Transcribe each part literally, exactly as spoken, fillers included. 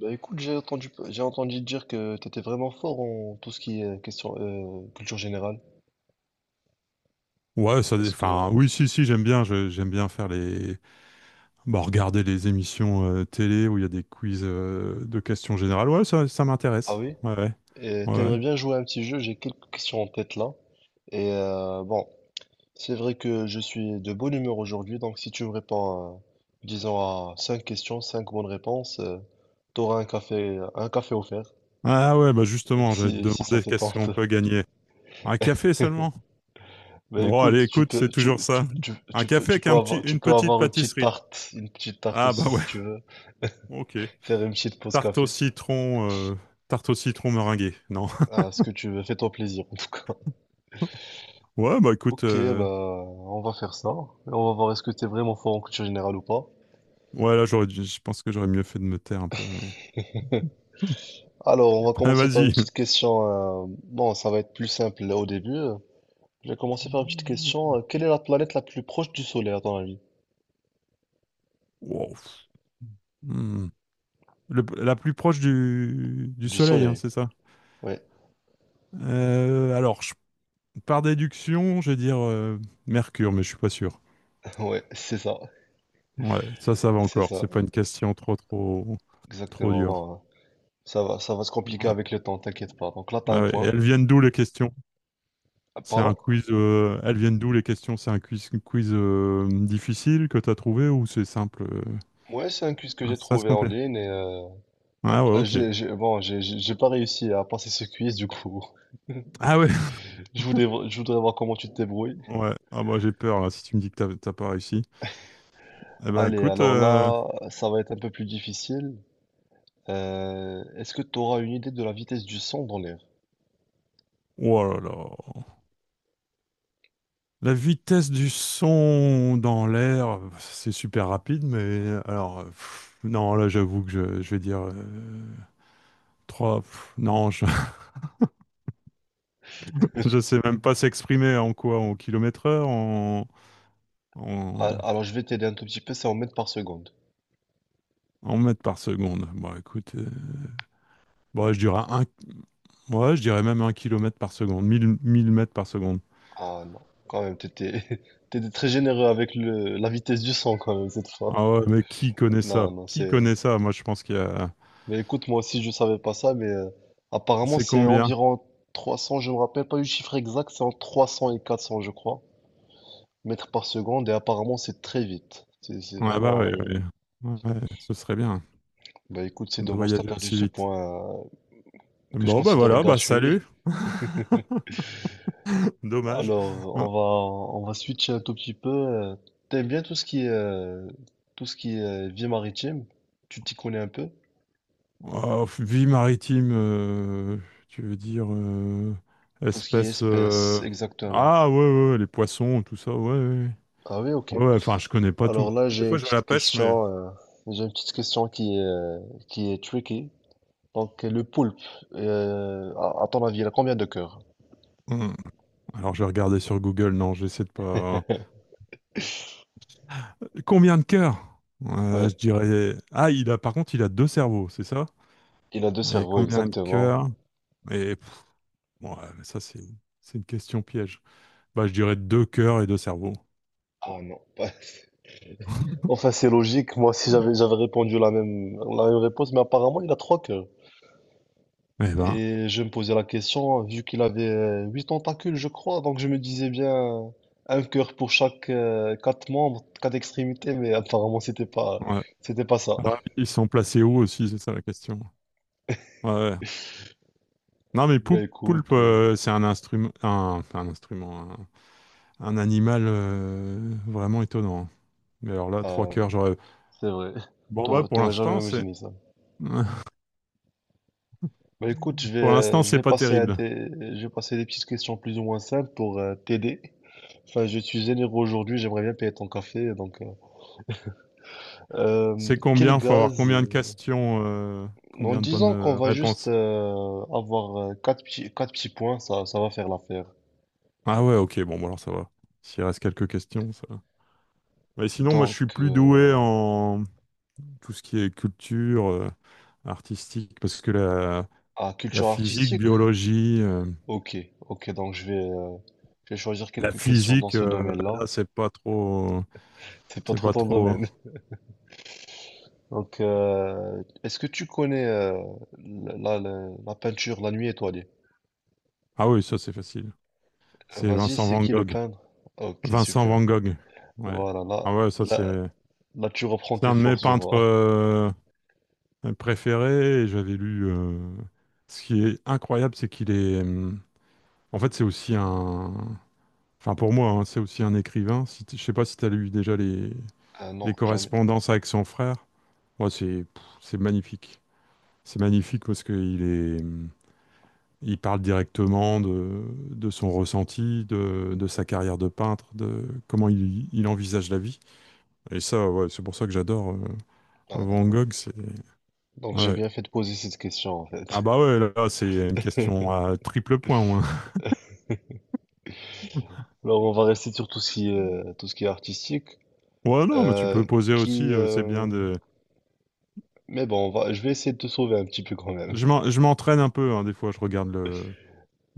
Bah écoute, j'ai entendu, j'ai entendu dire que tu étais vraiment fort en tout ce qui est euh, question, euh, culture générale. Ouais, ça, dé- Est-ce enfin, que... oui, si, si, j'aime bien, je- j'aime bien faire les, bah, regarder les émissions euh, télé où il y a des quiz euh, de questions générales. Ouais, ça, ça Ah m'intéresse. oui? Ouais, ouais, Et ouais. t'aimerais bien jouer à un petit jeu, j'ai quelques questions en tête là. Et euh, bon, c'est vrai que je suis de bonne humeur aujourd'hui, donc si tu me réponds, à, disons, à cinq questions, cinq bonnes réponses, euh, t'auras un café, un café offert, Ah ouais, bah justement, j'allais te si, si ça demander te qu'est-ce qu'on tente. peut gagner. Un café seulement? Bah Bon, allez, écoute, tu écoute, c'est peux, tu, toujours tu, ça. tu, Un tu peux, café tu avec peux un petit, avoir, tu une peux petite avoir une petite pâtisserie. tarte, une petite tarte Ah aussi bah ouais, si tu veux, ok. faire une petite pause Tarte au café. citron, euh, tarte au citron meringuée. Non. Ah, ce que tu veux, fais-toi plaisir en tout cas. Ouais, bah écoute, Ok, bah euh, on va faire ça. Et on va voir est-ce que t'es vraiment fort en culture générale ou pas. ouais, là, j'aurais, dû- je pense que j'aurais mieux fait de me taire un peu, mais. Alors, on va Ah, commencer par une vas-y. petite question. euh, Bon, ça va être plus simple là, au début. Je vais commencer par une petite question. Euh, Quelle est la planète la plus proche du Soleil à ton avis? Wow. Hmm. Le- la plus proche du, du Du Soleil, hein, Soleil. c'est ça? Ouais, Euh, alors, je- par déduction, je vais dire euh, Mercure, mais je suis pas sûr. ouais, c'est ça. Ouais, ça, ça va C'est encore. ça. C'est pas une question trop, trop, trop Exactement. dure. Bon, euh, ça va, ça va se compliquer Ouais. avec le temps, t'inquiète pas. Donc là, t'as Ouais, un ouais. Et point. elles viennent d'où, les questions? Ah, C'est un pardon? quiz. Euh, elles viennent d'où, les questions? C'est un quiz, quiz euh, difficile que tu as trouvé ou c'est simple? euh Ouais, c'est un quiz que Ah, j'ai ça se trouvé en complète. ligne et euh, Ah hop, ouais, ok. j'ai, j'ai- bon, j'ai j'ai- j'ai pas réussi à passer ce quiz du coup. Ah ouais. Je voudrais, je voudrais voir comment tu te débrouilles. Ouais. Ah bah j'ai peur là. Si tu me dis que t'as t'as pas réussi. Eh ben Allez, écoute. alors euh, là, ça va être un peu plus difficile. Euh, est-ce que tu auras une idée de la vitesse du son dans l'air? Oh là là. La vitesse du son dans l'air, c'est super rapide, mais alors, pff, non, là, j'avoue que je, je vais dire euh, trois. pff, non, je, je sais même pas s'exprimer en quoi, en kilomètres heure, en, en, Ah, alors, je vais t'aider un tout petit peu, c'est en mètres par seconde. en mètres par seconde. Bon, écoute, euh, bon, je dirais un, ouais, je dirais même un kilomètre par seconde, mille mille mètres par seconde. Ah non, quand même, t'étais, t'étais très généreux avec le, la vitesse du son quand même cette fois. Ah ouais, mais qui connaît ça? Non, non, Qui c'est... connaît ça? Moi, je pense qu'il y a. Mais écoute, moi aussi, je savais pas ça, mais euh, apparemment, C'est c'est combien? environ trois cents, je me rappelle pas du chiffre exact, c'est entre trois cents et quatre cents, je crois, mètres par seconde, et apparemment, c'est très vite. C'est c'est Ah bah oui, vraiment... euh, ouais. Ouais, ce serait bien Bah écoute, c'est de dommage, t'as voyager perdu aussi ce vite. point euh, que je Bon, bah considérais voilà, bah gratuit. salut, dommage. Alors, Hein. on va on va switcher un tout petit peu. euh, T'aimes bien tout ce qui est euh, tout ce qui est euh, vie maritime? Tu t'y connais un peu? Oh, vie maritime, euh, tu veux dire euh, Tout ce qui est espèce... espèces, euh, exactement. Ah ouais, ouais, ouais, les poissons, tout ça, ouais, ouais. Ah oui, ok. Ouais, ouais, enfin, je connais pas Alors tout. là, Des j'ai fois, une je vais à la petite pêche, mais... question. euh, j'ai une petite question qui est euh, qui est tricky. Donc le poulpe, euh, à, à ton avis, il a combien de cœurs? Hmm. Alors, je vais regarder sur Google, non, j'essaie de pas... hein. Combien de cœurs? Euh, Ouais, je dirais... Ah, il a, par contre, il a deux cerveaux, c'est ça? il a deux Et cerveaux, combien de exactement. cœurs? Et pff, ouais, mais ça, c'est c'est une question piège. Bah, je dirais deux cœurs et deux cerveaux. Ah non. Enfin, c'est logique. Moi aussi, j'avais j'avais répondu la même, la même réponse, mais apparemment, il a trois cœurs. Eh ben, Et je me posais la question, vu qu'il avait euh, huit tentacules, je crois, donc je me disais bien un cœur pour chaque euh, quatre membres, quatre extrémités, mais apparemment, c'était pas, ouais. c'était pas ça. Alors, ils sont placés où aussi, c'est ça la question. Ouais, ouais. Non, mais Bah pou- poulpe, écoute, euh, euh, c'est un instrument, un, enfin, un instrument, un, un animal euh, vraiment étonnant. Mais alors là, trois ah, cœurs, j'aurais. c'est vrai. Bon bah, T'aurais pour t'aurais jamais l'instant, c'est, imaginé ça. Bah écoute, je vais, pour l'instant, euh, je c'est vais pas passer à terrible. des, je vais passer à des petites questions plus ou moins simples pour euh, t'aider. Enfin, je suis généreux aujourd'hui, j'aimerais bien payer ton café, donc. euh, Euh, C'est quel combien? Faut avoir gaz? combien de questions, euh, En combien de bonnes disant qu'on euh, va juste réponses? euh, avoir euh, quatre petits, quatre petits points, ça, ça va faire l'affaire. Ah ouais, ok, bon, bah, alors ça va. S'il reste quelques questions, ça va. Mais sinon, moi, je suis Donc, plus doué euh, en, tout ce qui est culture euh, artistique, parce que la, à la culture physique, artistique? biologie, euh, Ok, ok, donc je vais, euh, je vais choisir la quelques questions dans physique, ce euh, domaine-là. là, c'est pas trop, C'est pas c'est trop pas ton trop. domaine. Donc, euh, est-ce que tu connais euh, la, la- la peinture La Nuit étoilée? Ah oui, ça c'est facile. Euh, C'est Vas-y, Vincent c'est Van qui le Gogh. peintre? Ok, Vincent super. Van Gogh. Ouais. Voilà, là, Ah ouais, ça c'est, là, là, tu reprends c'est tes un de mes forces, je peintres vois. euh, préférés. Et j'avais lu. euh, Ce qui est incroyable, c'est qu'il est. hum, En fait, c'est aussi un. Enfin, pour moi, hein, c'est aussi un écrivain. Si t- je sais pas si tu as lu déjà les Ah les non, jamais. correspondances avec son frère. Ouais, c'est pff, c'est magnifique. C'est magnifique parce qu'il est, il parle directement de, de son ressenti, de, de sa carrière de peintre, de comment il, il envisage la vie. Et ça, ouais, c'est pour ça que j'adore euh, Ah Van d'accord. Gogh. C'est, Donc j'ai ouais. bien fait de poser cette question en Ah fait. bah ouais, là, c'est une question à triple point. Ouais. Alors on va rester sur tout ce qui est, euh, tout ce qui est artistique. Ouais, non, mais tu peux Euh, poser aussi, qui, euh, c'est bien euh, de... Mais bon, on va, je vais essayer de te sauver un petit peu quand même. Je m'en- je m'entraîne un peu, hein, des fois, je regarde le,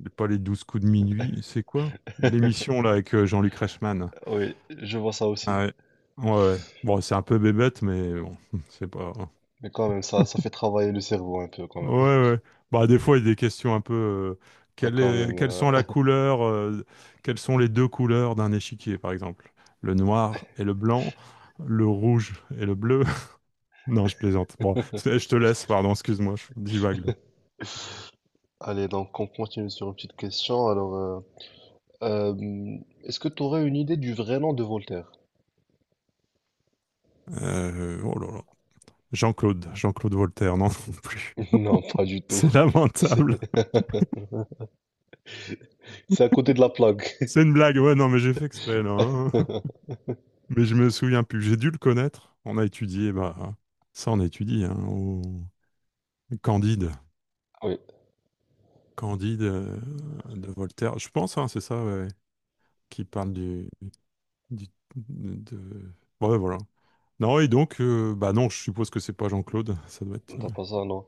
Les- pas les douze coups de minuit, c'est quoi? L'émission là avec euh, Jean-Luc Reichmann. Oui, je vois ça aussi. Ah ouais. Ouais, ouais. Bon, c'est un peu bébête, mais bon, c'est pas. Mais quand même, ça, ça fait travailler le cerveau un peu quand Ouais, même. ouais. Bah, des fois, il y a des questions un peu. euh, Ah, quelle quand est- même. Quelles euh. sont la couleur, euh, quelles sont les deux couleurs d'un échiquier, par exemple? Le noir et le blanc, le rouge et le bleu. Non, je plaisante. Bon, c'est- je te laisse, pardon, excuse-moi, je divague là. Allez, donc on continue sur une petite question. Alors, euh, euh, est-ce que tu aurais une idée du vrai nom de Voltaire? Euh, oh là là. Jean-Claude, Jean-Claude Voltaire, non, non plus. Non, pas du tout. C'est C'est lamentable. c'est à côté de la plaque. C'est une blague, ouais, non, mais j'ai fait exprès, là, hein. Mais je me souviens plus. J'ai dû le connaître. On a étudié, bah, ça, on étudie, hein, au Candide. Oui, Candide euh, de Voltaire. Je pense, hein, c'est ça, ouais, qui parle du, du- de... Ouais, voilà. Non, et donc, euh, bah non, je suppose que c'est pas Jean-Claude, ça doit être... euh, t'as pas ça, non.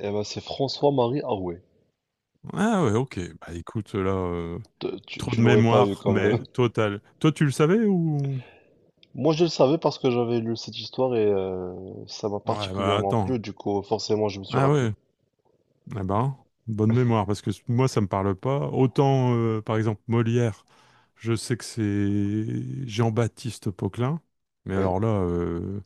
Eh ben, c'est François-Marie Arouet. Ah ouais, ok. Bah écoute, là, euh, Te- Tu, trop tu de l'aurais pas eu mémoire, quand mais même. total. Toi, tu le savais ou... Moi, je le savais parce que j'avais lu cette histoire et euh, ça m'a Ouais, bah particulièrement attends. plu. Du coup, forcément, je me suis Ah rappelé. ouais. Eh ben, bonne mémoire, parce que moi, ça me parle pas. Autant, euh, par exemple, Molière, je sais que c'est Jean-Baptiste Poquelin, mais Oui. alors là, euh,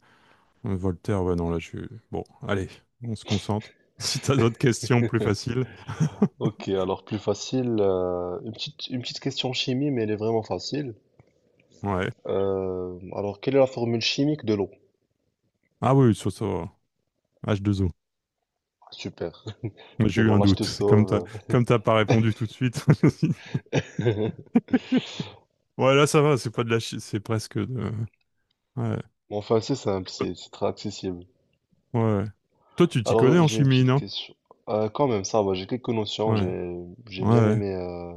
Voltaire, ouais, non, là, je... Bon, allez, on se concentre. Si t'as d'autres questions plus faciles, Ok, alors plus facile. euh, une petite, une petite question chimie, mais elle est vraiment facile. ouais. Euh, alors, quelle est la formule chimique de l'eau? Ah oui, sur ça, h deux o. Super. Moi, C'est j'ai eu bon, un là, je te doute, comme t'as sauve. comme t'as pas répondu tout de suite. Ouais, là, ça va, c'est pas de la chi- c'est presque de... Ouais, Bon, enfin, c'est simple, c'est c'est très accessible. ouais. Toi, tu t'y Alors, connais euh, en j'ai une chimie, petite non? question. Euh, quand même, ça va, j'ai quelques notions. Ouais, J'ai j'ai bien ouais. aimé euh,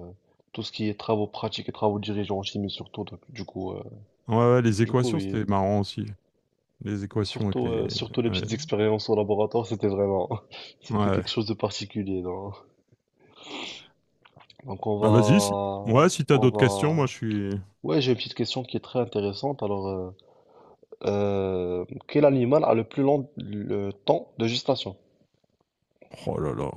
tout ce qui est travaux pratiques et travaux dirigeants en chimie, surtout. donc, du coup, euh, Ouais, ouais, les Du coup, équations, oui. c'était marrant aussi. Les Et équations avec surtout, les... euh, surtout les Ouais. petites expériences au laboratoire, c'était vraiment, c'était Ouais. quelque chose de particulier, non. Donc on Bah vas-y, si... Ouais, va, si t'as on d'autres questions, moi va. je suis... Ouais, j'ai une petite question qui est très intéressante. Alors, euh, euh, quel animal a le plus long le temps de gestation? Oh là là.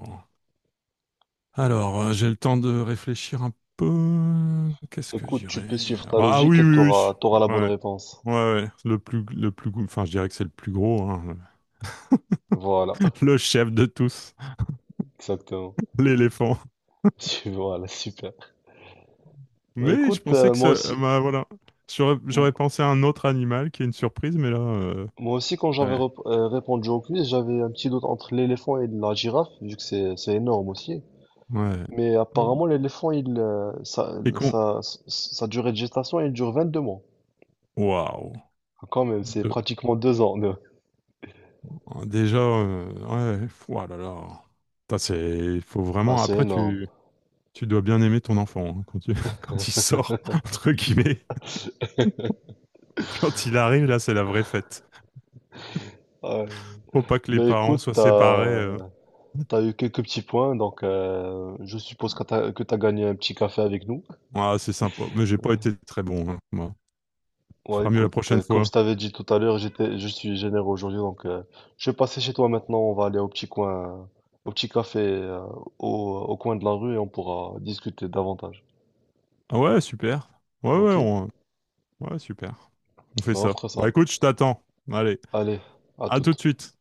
Alors, euh, j'ai le temps de réfléchir un peu. Qu'est-ce que je Écoute, tu dirais? peux suivre Ah ta bah, ah logique oui, et oui, t'auras, t'auras oui. la bonne Ouais. réponse. Ouais, ouais. Le plus, le plus... gou- enfin, je dirais que c'est le plus gros, hein. Voilà, Le chef de tous, exactement. l'éléphant. Voilà, super. Bah, Mais je écoute, pensais euh, que moi ça... aussi. Bah voilà. J'aurais j'aurais pensé à un autre animal qui est une surprise, mais là... euh, Moi aussi, quand j'avais ouais. rep- euh, répondu au quiz, j'avais un petit doute entre l'éléphant et la girafe, vu que c'est c'est énorme aussi. Ouais. Mais apparemment, l'éléphant, il, euh, sa, Et qu'on... sa, sa durée de gestation, il dure vingt-deux mois. Waouh. Quand même, c'est Deux. pratiquement deux ans. de- Déjà, euh, ouais, ouah là là. Putain, c'est, il faut Ah, vraiment. c'est Après, énorme. tu, tu dois bien aimer ton enfant, hein, quand tu, quand il sort, entre guillemets. Quand il arrive, là, c'est la vraie fête. Ouais. Faut pas que les Ben parents écoute, soient séparés. t'as, euh. t'as eu quelques petits points, donc euh, je suppose que t'as, que t'as gagné un petit café avec nous. Ah, c'est sympa. Mais j'ai pas été très bon, hein, moi. Ouais, Fera mieux la écoute, prochaine euh, comme fois. je t'avais dit tout à l'heure, j'étais, je suis généreux aujourd'hui, donc euh, je vais passer chez toi maintenant. On va aller au petit coin, au petit café, euh, au, au coin de la rue et on pourra discuter davantage. Ah ouais, super. Ouais, ouais, Ok? on- ouais, super. On fait Ben, on ça. fera ça. Bah écoute, je t'attends. Allez, Allez, à à tout de toute. suite.